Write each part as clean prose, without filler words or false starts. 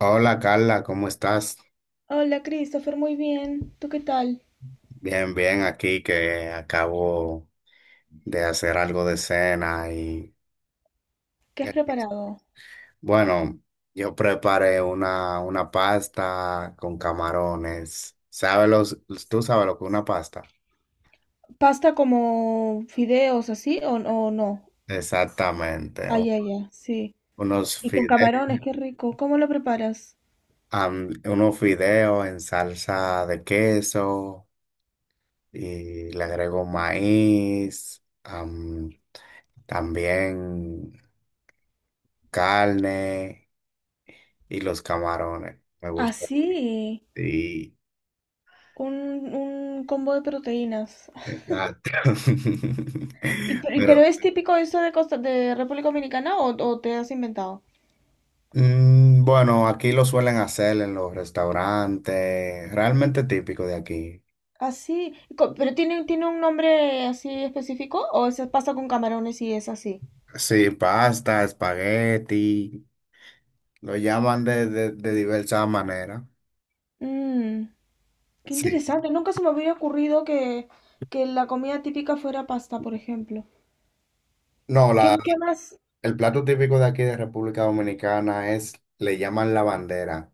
Hola Carla, ¿cómo estás? Hola, Christopher, muy bien. ¿Tú qué tal? Bien, bien, aquí que acabo de hacer algo de cena ¿Qué y has aquí- preparado? bueno, yo preparé una pasta con camarones. ¿Sabes tú sabes lo que es una pasta? ¿Pasta como fideos así o no? Exactamente, Ay, ay, ay, sí. unos Y con fideos, camarones, qué rico. ¿Cómo lo preparas? unos fideos en salsa de queso y le agrego maíz, también carne. Y los camarones, me gusta. Así, Sí, un, un combo de proteínas. exacto. ¿Pero Pero es típico eso de Costa, de República Dominicana o te has inventado? Bueno, aquí lo suelen hacer en los restaurantes, realmente típico de aquí. Así, ¿pero tiene un nombre así específico o es pasta con camarones y es así? Sí, pasta, espagueti, lo llaman de diversas maneras. Mm. Qué Sí. interesante, nunca se me hubiera ocurrido que la comida típica fuera pasta, por ejemplo. No, ¿Qué, la, qué más? el plato típico de aquí de República Dominicana es, le llaman la bandera,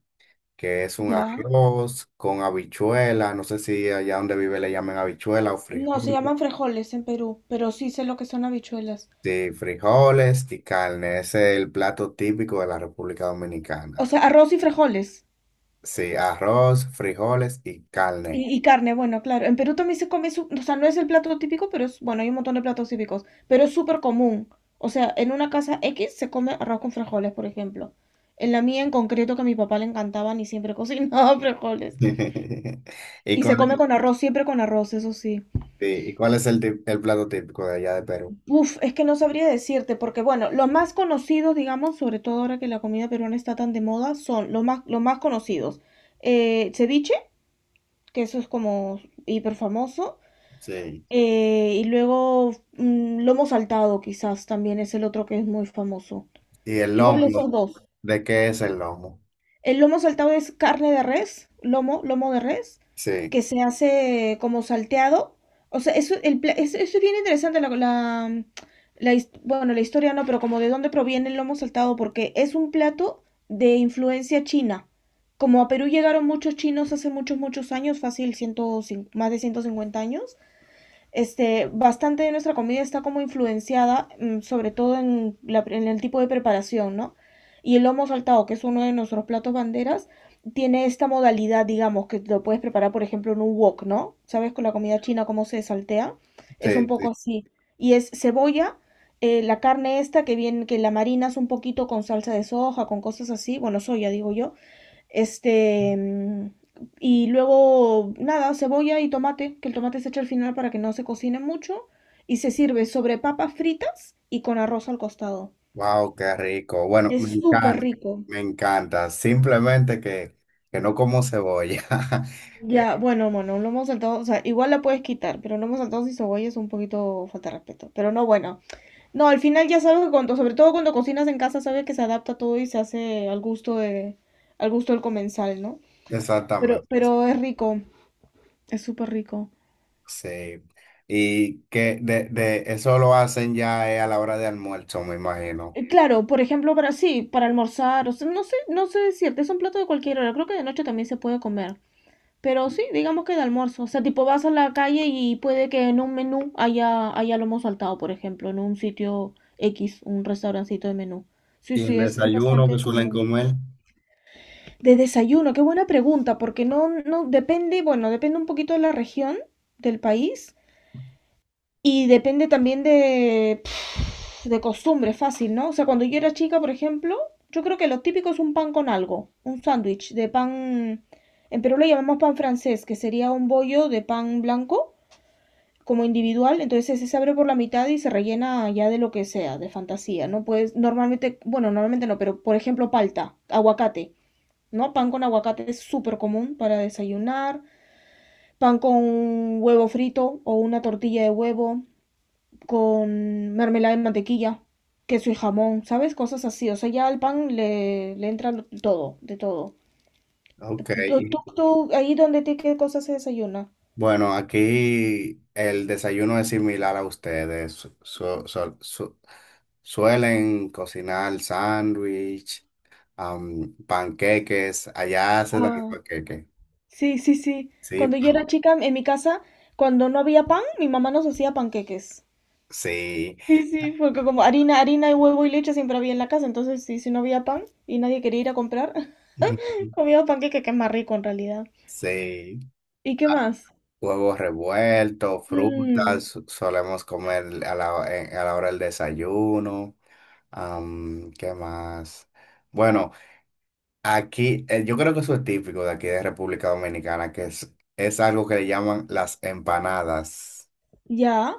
que es un Ya. arroz con habichuela. No sé si allá donde vive le llaman habichuela o No, se frijol. llaman frijoles en Perú, pero sí sé lo que son habichuelas. Sí, frijoles y carne, ese es el plato típico de la República O Dominicana. sea, arroz y frijoles. Sí, arroz, frijoles y carne. Y carne, bueno, claro. En Perú también se come, o sea, no es el plato típico, pero es, bueno, hay un montón de platos típicos, pero es súper común. O sea, en una casa X se come arroz con frijoles, por ejemplo. En la mía en concreto, que a mi papá le encantaban y siempre cocinaba frijoles. ¿Y Y se cuál come es, con arroz, siempre con arroz, eso sí. sí, y cuál es el plato típico de allá de Perú? Uf, es que no sabría decirte, porque bueno, los más conocidos, digamos, sobre todo ahora que la comida peruana está tan de moda, son los más conocidos. Ceviche, que eso es como hiper famoso. Sí. Y luego lomo saltado, quizás también es el otro que es muy famoso. ¿Y el Igual lomo? esos dos. ¿De qué es el lomo? El lomo saltado es carne de res, lomo de res, Sí, que se hace como salteado. O sea, eso es bien interesante, bueno, la historia no, pero como de dónde proviene el lomo saltado, porque es un plato de influencia china. Como a Perú llegaron muchos chinos hace muchos, muchos años, fácil, 150, más de 150 años, este, bastante de nuestra comida está como influenciada, sobre todo en el tipo de preparación, ¿no? Y el lomo saltado, que es uno de nuestros platos banderas, tiene esta modalidad, digamos, que lo puedes preparar, por ejemplo, en un wok, ¿no? ¿Sabes con la comida china cómo se saltea? Es un sí, sí. poco así. Y es cebolla, la carne esta que viene, que la marinas un poquito con salsa de soja, con cosas así, bueno, soya, digo yo este, y luego, nada, cebolla y tomate, que el tomate se echa al final para que no se cocine mucho. Y se sirve sobre papas fritas y con arroz al costado. Wow, qué rico. Bueno, me Es súper encanta, rico. me encanta. Simplemente que no como cebolla. Eh, Ya, bueno, bueno, un lomo saltado, o sea, igual la puedes quitar, pero lomo saltado sin cebolla es un poquito falta de respeto. Pero no, bueno. No, al final ya sabes que cuando, sobre todo cuando cocinas en casa, sabes que se adapta todo y se hace al gusto del comensal, ¿no? Pero, exactamente. pero es rico, es súper rico. Sí. Y que de eso lo hacen ya a la hora de almuerzo, me imagino. Claro, por ejemplo, para sí, para almorzar, o sea, no sé decirte, es un plato de cualquier hora, creo que de noche también se puede comer, pero sí, digamos que de almuerzo, o sea, tipo vas a la calle y puede que en un menú haya lomo saltado, por ejemplo, en un sitio X, un restaurancito de menú. Sí, Y el sí, es desayuno que bastante suelen común. comer. De desayuno, qué buena pregunta, porque no, no, depende, bueno, depende un poquito de la región, del país, y depende también de costumbre, fácil, ¿no? O sea, cuando yo era chica, por ejemplo, yo creo que lo típico es un pan con algo, un sándwich de pan, en Perú lo llamamos pan francés, que sería un bollo de pan blanco como individual, entonces ese se abre por la mitad y se rellena ya de lo que sea, de fantasía, ¿no? Pues normalmente, bueno, normalmente no, pero por ejemplo palta, aguacate, ¿no? Pan con aguacate es súper común para desayunar, pan con un huevo frito o una tortilla de huevo, con mermelada de mantequilla, queso y jamón, ¿sabes? Cosas así. O sea, ya al pan le entra todo, de todo. Ok. ¿Tú, tú, y- tú, ahí donde qué cosas se desayuna? Bueno, aquí el desayuno es similar a ustedes. Suelen cocinar sándwich, panqueques. Allá se dan Ah, panqueques. sí, sí, sí. Sí, Cuando yo era chica en mi casa, cuando no había pan, mi mamá nos hacía panqueques. sí. Sí, sí, porque como harina y huevo y leche siempre había en la casa, entonces sí, si no había pan y nadie quería ir a comprar, comía panqueque que es más rico en realidad. Sí. ¿Y qué más? Huevos revueltos, Mm. frutas, solemos comer a la hora del desayuno. ¿Qué más? Bueno, aquí yo creo que eso es típico de aquí de República Dominicana, que es algo que le llaman las empanadas. Ya.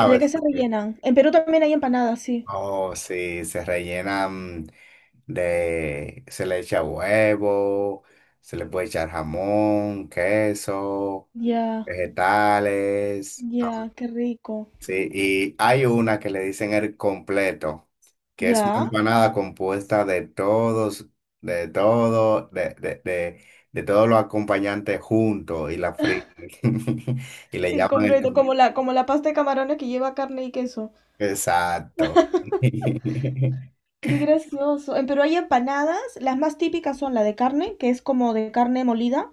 ¿De qué se rellenan? En Perú también hay empanadas, sí. Oh, sí, se rellenan se le echa huevo, se le puede echar jamón, queso, Ya, vegetales. ya, qué rico. Sí, y hay una que le dicen el completo, que es una Ya. empanada compuesta de todos, de todo, de todos los acompañantes juntos y la frita. Y le El llaman completo, como la pasta de camarones que lleva carne y queso. exacto. Qué gracioso. Pero hay empanadas, las más típicas son la de carne, que es como de carne molida,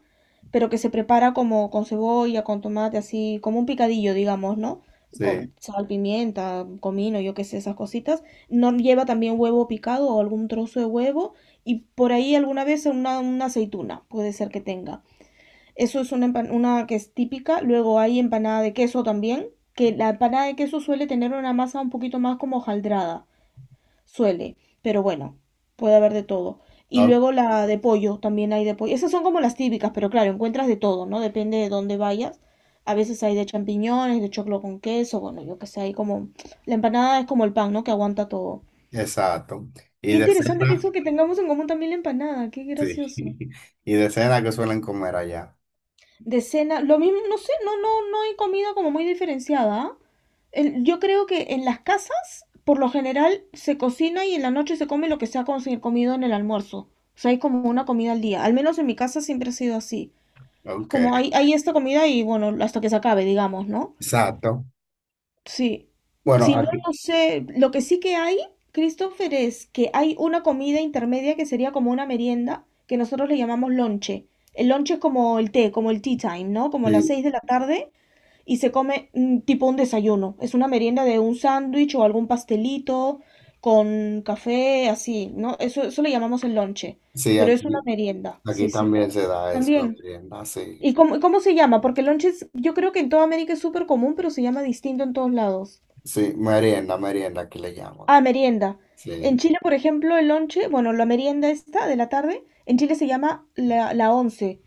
pero que se prepara como con cebolla, con tomate, así, como un picadillo, digamos, ¿no? Sí, Con sal, pimienta, comino, yo qué sé, esas cositas. No lleva también huevo picado o algún trozo de huevo y por ahí alguna vez una aceituna, puede ser que tenga. Eso es una que es típica. Luego hay empanada de queso también, que la empanada de queso suele tener una masa un poquito más como hojaldrada suele, pero bueno, puede haber de todo. Y no, luego la de pollo, también hay de pollo. Esas son como las típicas, pero claro, encuentras de todo, ¿no? Depende de dónde vayas. A veces hay de champiñones, de choclo con queso, bueno, yo qué sé, hay como... La empanada es como el pan, ¿no? Que aguanta todo. exacto. Y Qué de interesante que cena, eso que tengamos en común también la empanada, qué sí. gracioso. Y de cena que suelen comer allá. De cena, lo mismo, no sé, no hay comida como muy diferenciada. ¿Ah? Yo creo que en las casas, por lo general, se cocina y en la noche se come lo que se ha comido en el almuerzo. O sea, hay como una comida al día. Al menos en mi casa siempre ha sido así. Es Ok, como hay esta comida y bueno, hasta que se acabe, digamos, ¿no? exacto. Sí, Bueno, si no, aquí, no sé. Lo que sí que hay, Christopher, es que hay una comida intermedia que sería como una merienda, que nosotros le llamamos lonche. El lonche es como el té, como el tea time, ¿no? Como las sí, 6 de la tarde y se come tipo un desayuno. Es una merienda de un sándwich o algún pastelito con café, así, ¿no? Eso le llamamos el lonche, sí, pero es una aquí, merienda, sí, aquí sí. también se da eso, la También. merienda, sí. ¿Y cómo se llama? Porque el lonche yo creo que en toda América es súper común, pero se llama distinto en todos lados. Sí, merienda, merienda que le llaman. Ah, merienda. En Sí. Chile, por ejemplo, el lonche, bueno, la merienda esta de la tarde, en Chile se llama la once.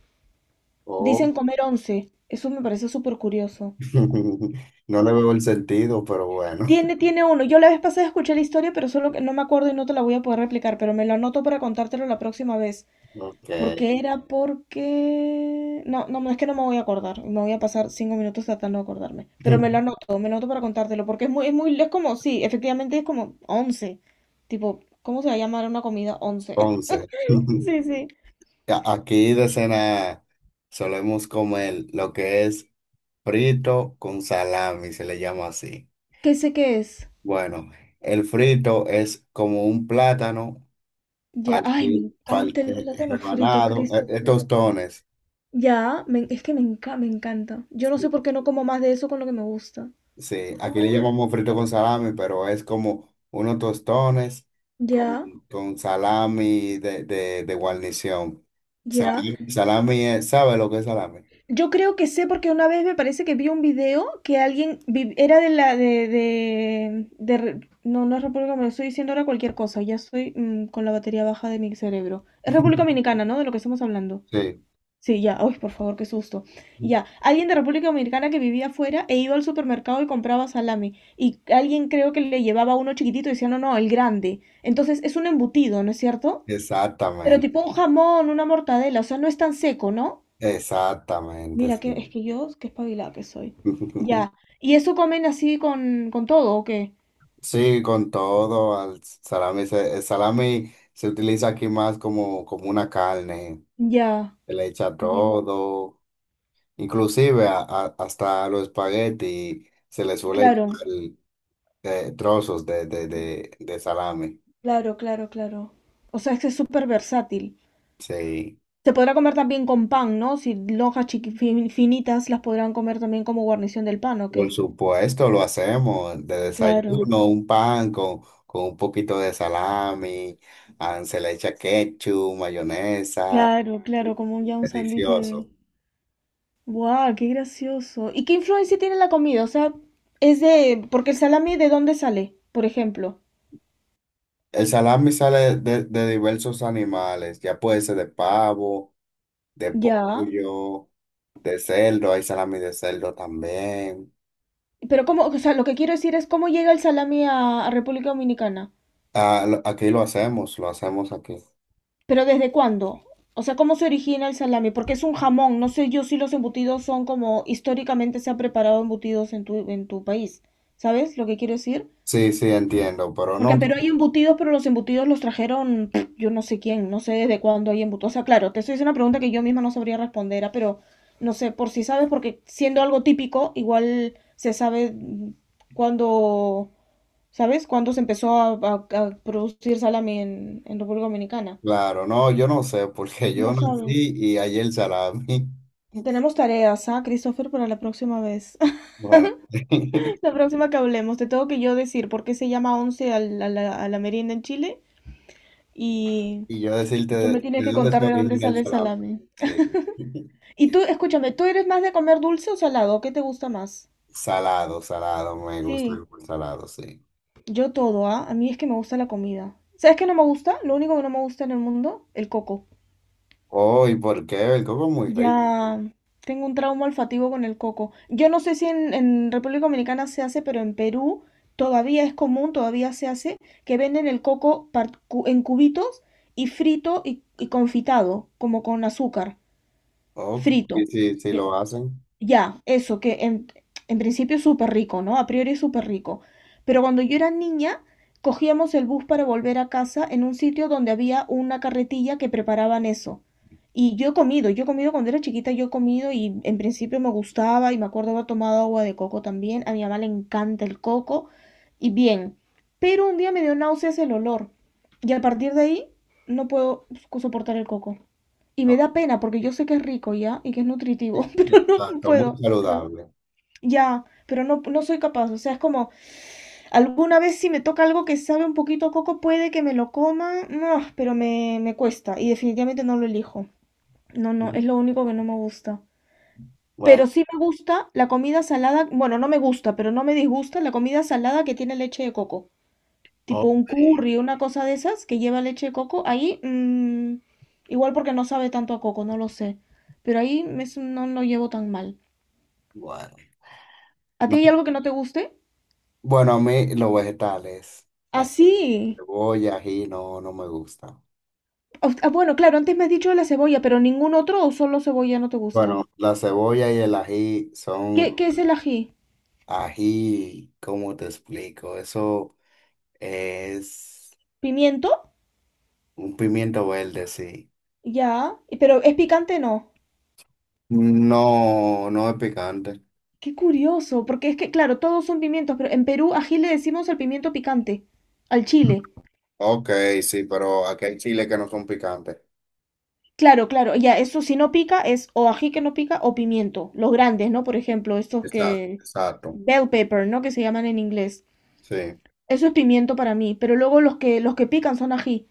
Oh, Dicen comer once. Eso me parece súper curioso. no le veo el sentido, pero bueno. Tiene, tiene uno. Yo la vez pasada escuché la historia, pero solo que no me acuerdo y no te la voy a poder replicar, pero me lo anoto para contártelo la próxima vez. Ok. Porque era porque... No, no, no, es que no me voy a acordar. Me voy a pasar 5 minutos tratando de acordarme. Pero me lo anoto, me lo anoto para contártelo, porque es muy, es como, sí, efectivamente es como once. Tipo, ¿cómo se va a llamar una comida once? Once. Sí, sí. Aquí de cena solemos comer lo que es frito con salami, se le llama así. ¿Qué sé qué es? Bueno, el frito es como un plátano Ya, ay, me encanta el plátano frito, rebanado, Christopher. tostones. Ya, es que me encanta. Yo no sé por qué no como más de eso con lo que me gusta. Sí, aquí le Ay, llamamos frito con salami, pero es como unos tostones con, ya, con salami de guarnición. ya. Salami, ¿sabe lo que es salami? Yo creo que sé porque una vez me parece que vi un video que alguien vi- era de la de Re- no, no es República Dominicana, estoy diciendo ahora cualquier cosa, ya estoy con la batería baja de mi cerebro. Es República Dominicana, ¿no? De lo que estamos hablando. Sí, Sí, ya. Uy, por favor, qué susto. Ya. Alguien de República Dominicana que vivía afuera e iba al supermercado y compraba salami. Y alguien creo que le llevaba uno chiquitito y decía, no, no, el grande. Entonces es un embutido, ¿no es cierto? Pero exactamente, tipo un jamón, una mortadela, o sea, no es tan seco, ¿no? exactamente, Mira, es sí. que yo, qué espabilada que soy. Ya. ¿Y eso comen así con todo o qué? Sí, con todo, al salami, el salami se utiliza aquí más como, como una carne, Ya. se le echa Ya. todo, inclusive hasta los espaguetis se le suele Claro, echar de trozos de salami. claro, claro, claro. O sea, es que es súper versátil. Sí, Se podrá comer también con pan, ¿no? Si lonjas finitas las podrán comer también como guarnición del pan, ¿o por qué? supuesto, lo hacemos de Claro, desayuno, un pan con un poquito de salami, ah, se le echa ketchup, mayonesa, claro, claro, como ya un sándwich de... delicioso. ¡Guau! ¡Qué gracioso! ¿Y qué influencia tiene la comida? O sea, es de... Porque el salami, ¿de dónde sale? Por ejemplo. El salami sale de diversos animales, ya puede ser de pavo, de Ya. pollo, de cerdo, hay salami de cerdo también. Pero cómo, o sea, lo que quiero decir es cómo llega el salami a República Dominicana. Ah, aquí lo hacemos aquí. Pero ¿desde cuándo? O sea, ¿cómo se origina el salami? Porque es un jamón. No sé yo si los embutidos son como históricamente se han preparado embutidos en tu país. ¿Sabes lo que quiero decir? Sí, sí, entiendo, pero Porque no. en Perú hay embutidos, pero los embutidos los trajeron yo no sé quién, no sé desde cuándo hay embutidos. O sea, claro, te estoy haciendo una pregunta que yo misma no sabría responder, pero no sé, por si sabes, porque siendo algo típico, igual se sabe cuándo, ¿sabes? Cuándo se empezó a producir salami en República Dominicana. Claro, no, yo no sé, porque yo No nací sabes. y hay el salami. Tenemos tareas, ¿ah, Christopher, para la próxima vez? Bueno, La próxima que hablemos, te tengo que yo decir por qué se llama once a la merienda en Chile y, y yo decirte y tú me de tienes que dónde contar se de dónde origina el sale el salami. salame. Sí. Y tú, escúchame, ¿tú eres más de comer dulce o salado? ¿Qué te gusta más? Salado, salado, me gusta Sí, el salado, sí. yo todo, ¿ah? A mí es que me gusta la comida. ¿Sabes qué no me gusta? Lo único que no me gusta en el mundo, el coco. Oh, ¿y por qué? El coco es muy rico. Ya tengo un trauma olfativo con el coco. Yo no sé si en República Dominicana se hace, pero en Perú todavía es común, todavía se hace, que venden el coco en cubitos y frito y confitado, como con azúcar, Oh, sí, frito. sí, sí Ya. lo hacen. Ya, eso, que en principio es súper rico, ¿no? A priori es súper rico. Pero cuando yo era niña, cogíamos el bus para volver a casa en un sitio donde había una carretilla que preparaban eso. Y yo he comido cuando era chiquita, yo he comido y en principio me gustaba y me acuerdo haber tomado agua de coco también. A mi mamá le encanta el coco y bien. Pero un día me dio náuseas el olor y a partir de ahí no puedo soportar el coco. Y me Oh, da pena porque yo sé que es rico ya y que es nutritivo. sí. No Exacto, muy puedo, no puedo. saludable. Ya, pero no, no soy capaz. O sea, es como, alguna vez si me toca algo que sabe un poquito a coco, puede que me lo coma. No, pero me cuesta. Y definitivamente no lo elijo. No, no, Ujú. es lo único que no me gusta. Bueno, Pero sí me gusta la comida salada. Bueno, no me gusta, pero no me disgusta la comida salada que tiene leche de coco. Tipo un ok, curry, una cosa de esas que lleva leche de coco. Ahí, igual porque no sabe tanto a coco, no lo sé. Pero no lo llevo tan mal. bueno. ¿A ti No, hay algo que no te guste? bueno, a mí los vegetales, las Así. cebollas, ají, no, no me gusta. Ah, bueno, claro, antes me has dicho de la cebolla, pero ningún otro o solo cebolla no te gusta. Bueno, la cebolla y el ají ¿Qué, son qué es el ají? ají, ¿cómo te explico? Eso es ¿Pimiento? un pimiento verde, sí. Ya. Y- Pero es picante, no. No, no es picante. Qué curioso, porque es que, claro, todos son pimientos, pero en Perú ají le decimos al pimiento picante, al chile. Ok, sí, pero aquí hay chiles que no son picantes. Claro, claro, ya, eso si no pica es o ají que no pica o pimiento. Los grandes, ¿no? Por ejemplo, estos Exacto, que... exacto. Bell pepper, ¿no? Que se llaman en inglés. Sí. Eso es pimiento para mí, pero luego los que pican son ají.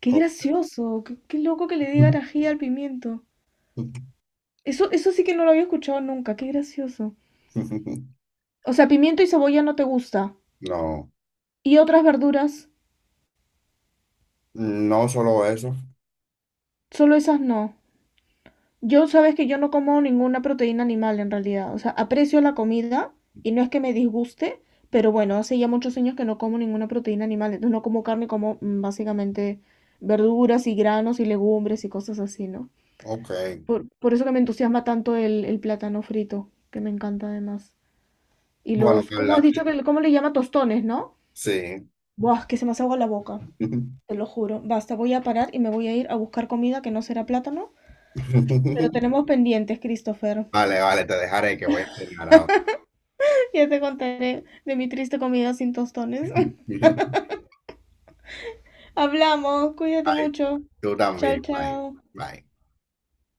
Qué O- gracioso, qué loco que le digan ají al pimiento. Eso sí que no lo había escuchado nunca, qué gracioso. O sea, pimiento y cebolla no te gusta. No, ¿Y otras verduras? no solo eso. Solo esas no. Yo sabes que yo no como ninguna proteína animal en realidad. O sea, aprecio la comida y no es que me disguste, pero bueno, hace ya muchos años que no como ninguna proteína animal. Entonces no como carne, como básicamente verduras y granos y legumbres y cosas así, ¿no? Ok. Por eso que me entusiasma tanto el plátano frito, que me encanta además. Y Bueno, los, ¿cómo Carla, has dicho te- que, cómo le llama tostones, no? sí. Buah, que se me hace agua la boca, te lo juro. Basta, voy a parar y me voy a ir a buscar comida que no será plátano. Pero tenemos pendientes, Christopher. Vale, vale, te dejaré que voy a cenar ahora. Ya te contaré de mi triste comida sin tostones. Hablamos, cuídate Bye. mucho. Tú Chao, también. Bye. chao. Bye.